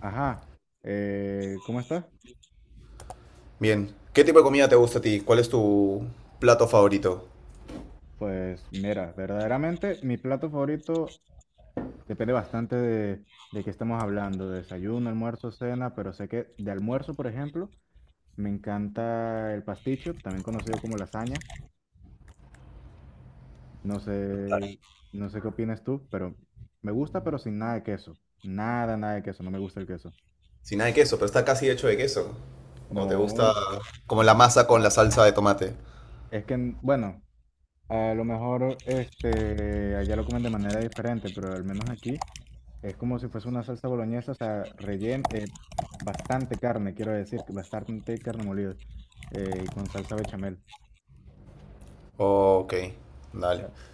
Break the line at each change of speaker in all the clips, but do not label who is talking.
Ajá, ¿cómo estás?
Bien. ¿Qué tipo de comida te gusta a ti? ¿Cuál es tu plato favorito?
Pues mira, verdaderamente mi plato favorito depende bastante de qué estamos hablando, de desayuno, almuerzo, cena, pero sé que de almuerzo, por ejemplo, me encanta el pasticho, también conocido como lasaña. No
Vale.
sé, no sé qué opinas tú, pero me gusta, pero sin nada de queso. Nada, nada de queso, no me gusta el queso.
Sin nada de queso, pero está casi hecho de queso. ¿O te gusta
No,
como la
no.
masa con la salsa de tomate?
Es que, bueno. A lo mejor este, allá lo comen de manera diferente, pero al menos aquí es como si fuese una salsa boloñesa, o sea, bastante carne, quiero decir, que bastante carne molida y con salsa bechamel.
Ok,
Ya.
dale.
O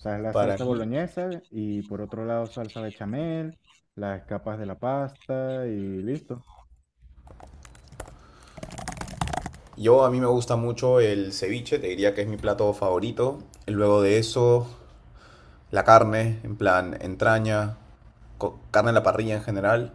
sea, es la
Para
salsa
mí,
boloñesa y por otro lado salsa bechamel, las capas de la pasta y listo.
yo A mí me gusta mucho el ceviche, te diría que es mi plato favorito. Luego de eso, la carne, en plan entraña, carne en la parrilla en general.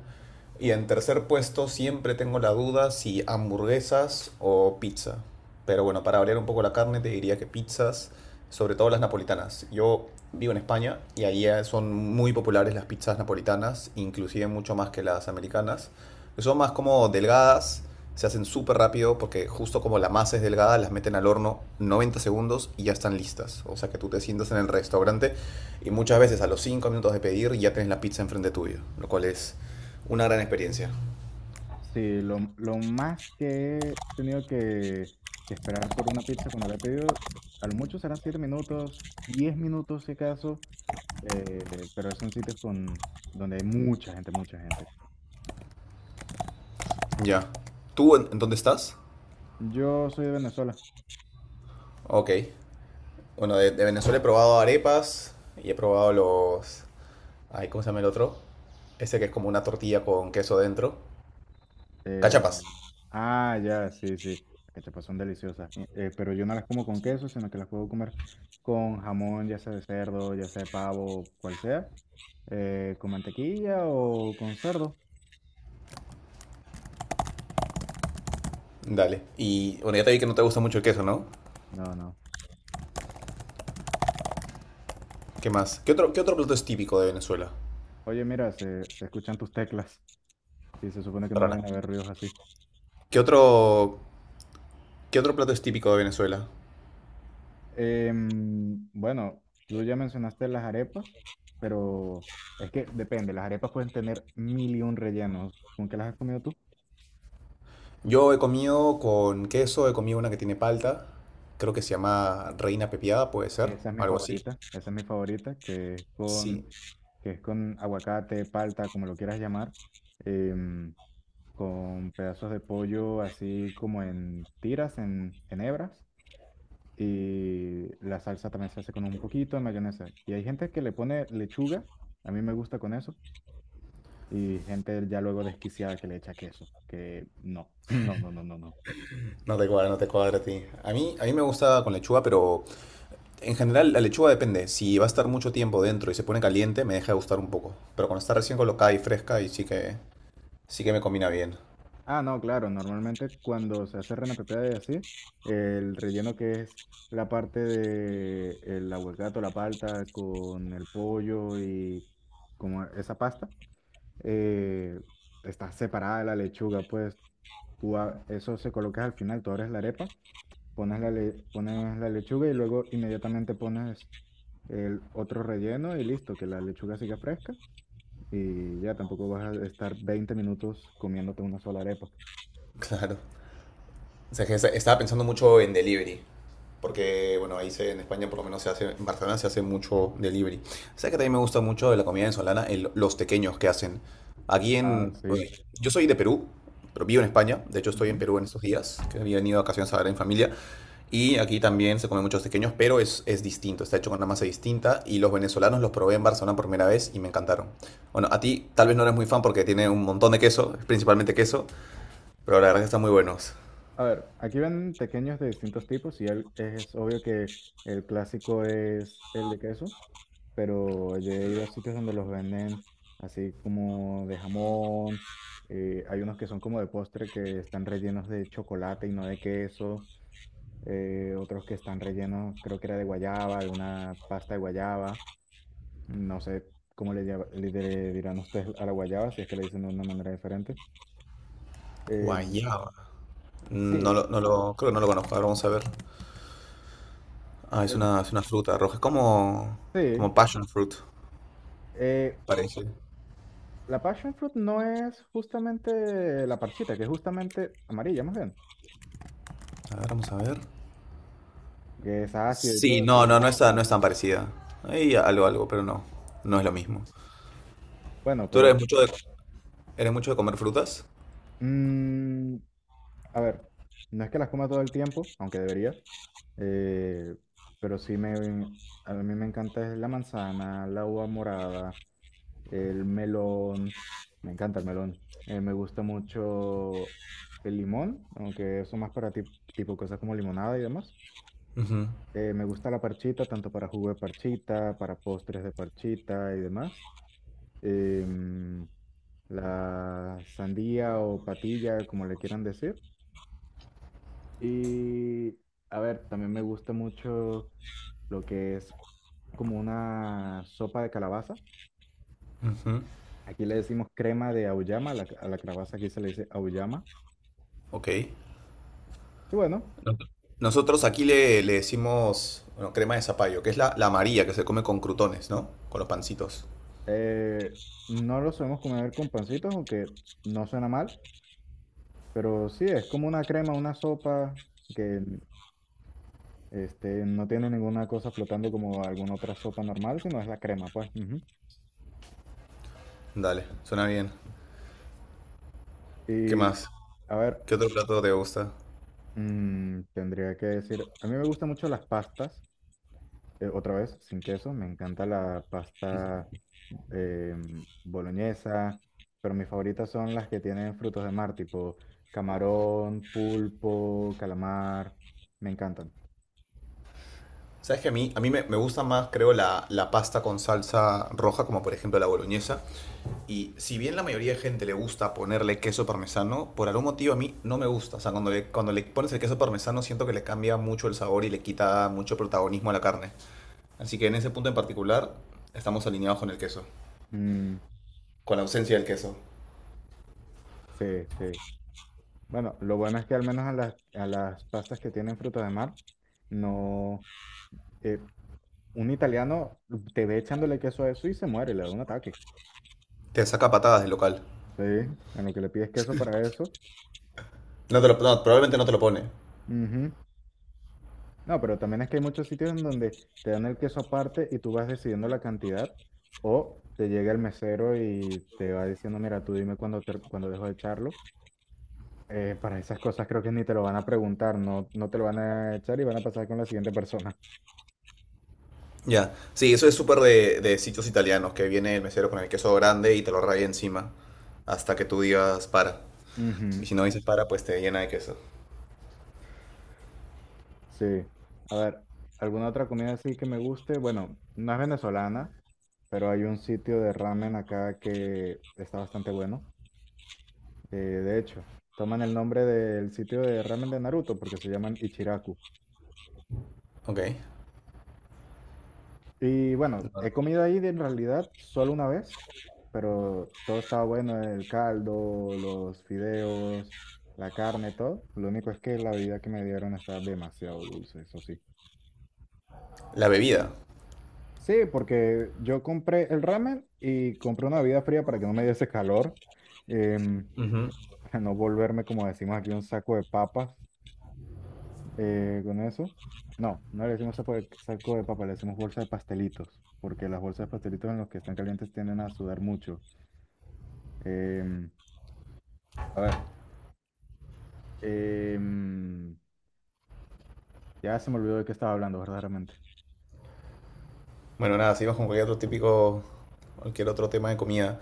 Y en tercer puesto siempre tengo la duda si hamburguesas o pizza. Pero bueno, para variar un poco la carne te diría que pizzas, sobre todo las napolitanas. Yo vivo en España y ahí son muy populares las pizzas napolitanas, inclusive mucho más que las americanas, que son más como delgadas, se hacen súper rápido porque justo como la masa es delgada, las meten al horno 90 segundos y ya están listas. O sea que tú te sientas en el restaurante y muchas veces a los 5 minutos de pedir ya tenés la pizza enfrente tuyo, lo cual es una gran experiencia.
Sí, lo más que he tenido que esperar por una pizza cuando la he pedido, a lo mucho serán 7 minutos, 10 minutos si acaso, pero son sitios donde hay mucha gente, mucha gente.
Ya. ¿Tú en dónde estás?
Yo soy de Venezuela.
Ok. Bueno, de Venezuela he probado arepas y he probado los... Ay, ¿cómo se llama el otro? Ese que es como una tortilla con queso dentro.
eh,
Cachapas.
ah, ya, sí, sí. Las cachapas son deliciosas, pero yo no las como con queso, sino que las puedo comer con jamón, ya sea de cerdo, ya sea de pavo, cual sea, con mantequilla o con cerdo.
Dale. Y bueno, ya te vi que no te gusta mucho el queso, ¿no?
No, no.
¿Qué más? ¿Qué otro plato es típico de Venezuela?
Oye, mira, se escuchan tus teclas y se supone que no
Perdona.
deben haber ruidos así.
¿Qué otro, qué otro plato es típico de Venezuela?
Bueno, tú ya mencionaste las arepas, pero es que depende, las arepas pueden tener mil y un rellenos. ¿Con qué las has comido tú?
Yo he comido con queso, he comido una que tiene palta, creo que se llama reina pepiada, puede ser,
Esa es mi
algo así.
favorita, esa es mi favorita, que es
Sí,
con, que es con aguacate, palta, como lo quieras llamar, em, con pedazos de pollo así como en tiras, en hebras, y la salsa también se hace con un poquito de mayonesa. Y hay gente que le pone lechuga, a mí me gusta con eso. Y gente ya luego desquiciada que le echa queso, que no, no, no, no, no, no.
no te cuadra, no te cuadra a ti. A mí me gusta con lechuga, pero en general la lechuga depende. Si va a estar mucho tiempo dentro y se pone caliente, me deja de gustar un poco. Pero cuando está recién colocada y fresca, y sí que me combina bien.
Ah, no, claro, normalmente cuando se hace reina pepiada y así, el relleno que es la parte de el aguacate, o la palta con el pollo y como esa pasta, eh, está separada de la lechuga, pues eso se colocas al final, tú abres la arepa, pones la lechuga y luego inmediatamente pones el otro relleno y listo, que la lechuga siga fresca y ya tampoco vas a estar 20 minutos comiéndote una sola arepa.
Claro. O sea, que estaba pensando mucho en delivery. Porque, bueno, ahí se, en España por lo menos se hace, en Barcelona se hace mucho delivery. O sea que también me gusta mucho de la comida venezolana, los tequeños que hacen.
Ah,
Bueno,
sí.
yo soy de Perú, pero vivo en España. De hecho, estoy en
Ujú.
Perú en estos días, que había venido a vacaciones a ver en familia. Y aquí también se comen muchos tequeños, pero es distinto, está hecho con una masa distinta. Y los venezolanos los probé en Barcelona por primera vez y me encantaron. Bueno, a ti tal vez no eres muy fan porque tiene un montón de queso, principalmente queso, pero la verdad que están muy buenos.
A ver, aquí ven tequeños de distintos tipos es obvio que el clásico es el de queso, pero yo he ido a sitios donde los venden así como de jamón, hay unos que son como de postre que están rellenos de chocolate y no de queso. Otros que están rellenos, creo que era de guayaba, de una pasta de guayaba, no sé cómo le dirán ustedes a la guayaba, si es que le dicen de una manera diferente. Eh,
Guayaba.
sí,
Creo que no lo conozco. Ahora vamos a ver. Ah, es
bueno,
una, es una fruta roja. Es como
sí.
passion fruit,
eh,
parece.
la passion fruit no es justamente la parchita, que es justamente amarilla más bien,
A ver, vamos a ver.
que es ácida y
Sí,
todo
no,
eso.
no, no es tan parecida. Hay algo, algo, pero no. No es lo mismo.
Bueno,
¿Tú
pero.
eres mucho de comer frutas?
mm, A ver, no es que las coma todo el tiempo, aunque debería, eh, pero sí me, a mí me encanta es la manzana, la uva morada, el melón, me encanta el melón. Me gusta mucho el limón, aunque eso más tipo cosas como limonada y demás.
Ujú,
Me gusta la parchita, tanto para jugo de parchita, para postres de parchita y demás. Em, la sandía o patilla, como le quieran decir. Y a ver, también me gusta mucho lo que es como una sopa de calabaza.
ujú.
Aquí le decimos crema de auyama, a la calabaza aquí se le dice auyama.
Ok.
Y bueno,
No- Nosotros aquí le decimos, bueno, crema de zapallo, que es la amarilla que se come con crutones, ¿no? Con los pancitos.
eh, no lo solemos comer con pancitos, aunque no suena mal, pero sí, es como una crema, una sopa que este, no tiene ninguna cosa flotando como alguna otra sopa normal, sino es la crema, pues. Ujú.
Dale, suena bien. ¿Qué
Y
más?
a ver,
¿Qué otro plato te gusta?
tendría que decir, a mí me gustan mucho las pastas. Otra vez, sin queso. Me encanta la pasta boloñesa, pero mis favoritas son las que tienen frutos de mar, tipo camarón, pulpo, calamar. Me encantan.
Sabes que a mí me gusta más, creo, la pasta con salsa roja, como por ejemplo la boloñesa. Y si bien la mayoría de gente le gusta ponerle queso parmesano, por algún motivo a mí no me gusta. O sea, cuando le pones el queso parmesano siento que le cambia mucho el sabor y le quita mucho protagonismo a la carne. Así que en ese punto en particular estamos alineados con el queso,
Mm,
con la ausencia del queso.
sí, sí. Bueno, lo bueno es que al menos a las pastas que tienen frutos de mar, no. eh, un italiano te ve echándole queso a eso y se muere, le da un ataque.
Te saca patadas del local.
Sí, en lo que le pides queso para eso.
No, probablemente no te lo pone.
Ujú. No, pero también es que hay muchos sitios en donde te dan el queso aparte y tú vas decidiendo la cantidad o te llega el mesero y te va diciendo, mira, tú dime cuándo dejo de echarlo. Para esas cosas creo que ni te lo van a preguntar, no, no te lo van a echar y van a pasar con la siguiente persona.
Ya, sí, eso es súper de sitios italianos, que viene el mesero con el queso grande y te lo raya encima hasta que tú digas para. Y
Ujú.
si no dices para, pues te llena de queso.
Sí. A ver, ¿alguna otra comida así que me guste? Bueno, no es venezolana, pero hay un sitio de ramen acá que está bastante bueno. De hecho, toman el nombre del sitio de ramen de Naruto porque se llaman Ichiraku.
Ok.
Y bueno, he comido ahí en realidad solo una vez, pero todo estaba bueno, el caldo, los fideos, la carne, todo. Lo único es que la bebida que me dieron estaba demasiado dulce, eso sí.
La bebida.
Sí, porque yo compré el ramen y compré una bebida fría para que no me diese calor, em,
Ujú.
para no volverme, como decimos aquí, un saco de papas. Con eso. No, no le decimos saco de papa, le decimos bolsa de pastelitos, porque las bolsas de pastelitos en los que están calientes tienden a sudar mucho. Em, a ver, em, ya se me olvidó de qué estaba hablando verdaderamente.
Bueno, nada, seguimos con cualquier otro tema de comida.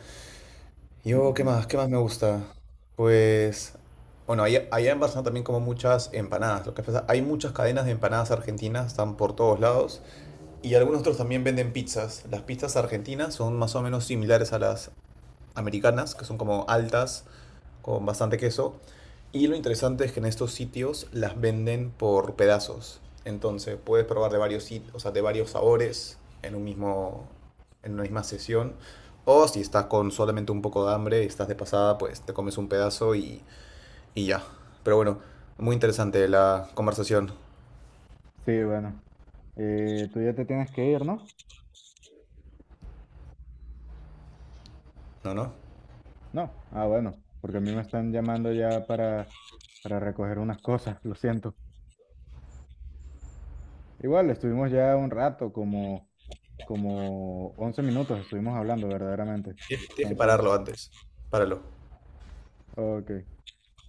Yo, ¿qué
Ujú.
más? ¿Qué más me gusta? Pues, bueno, allá en Barcelona también como muchas empanadas. Lo que pasa, hay muchas cadenas de empanadas argentinas, están por todos lados. Y algunos otros también venden pizzas. Las pizzas argentinas son más o menos similares a las americanas, que son como altas, con bastante queso. Y lo interesante es que en estos sitios las venden por pedazos. Entonces puedes probar de varios sitios, o sea, de varios sabores en un mismo, en una misma sesión. O si estás con solamente un poco de hambre y estás de pasada, pues te comes un pedazo y ya. Pero bueno, muy interesante la conversación,
Sí, bueno. Tú ya te tienes que ir, ¿no?
¿no? ¿No?
No. Ah, bueno, porque a mí me están llamando ya para recoger unas cosas, lo siento. Igual, estuvimos ya un rato, como 11 minutos estuvimos hablando verdaderamente.
Tienes que
Entonces.
pararlo antes. Páralo.
Ok.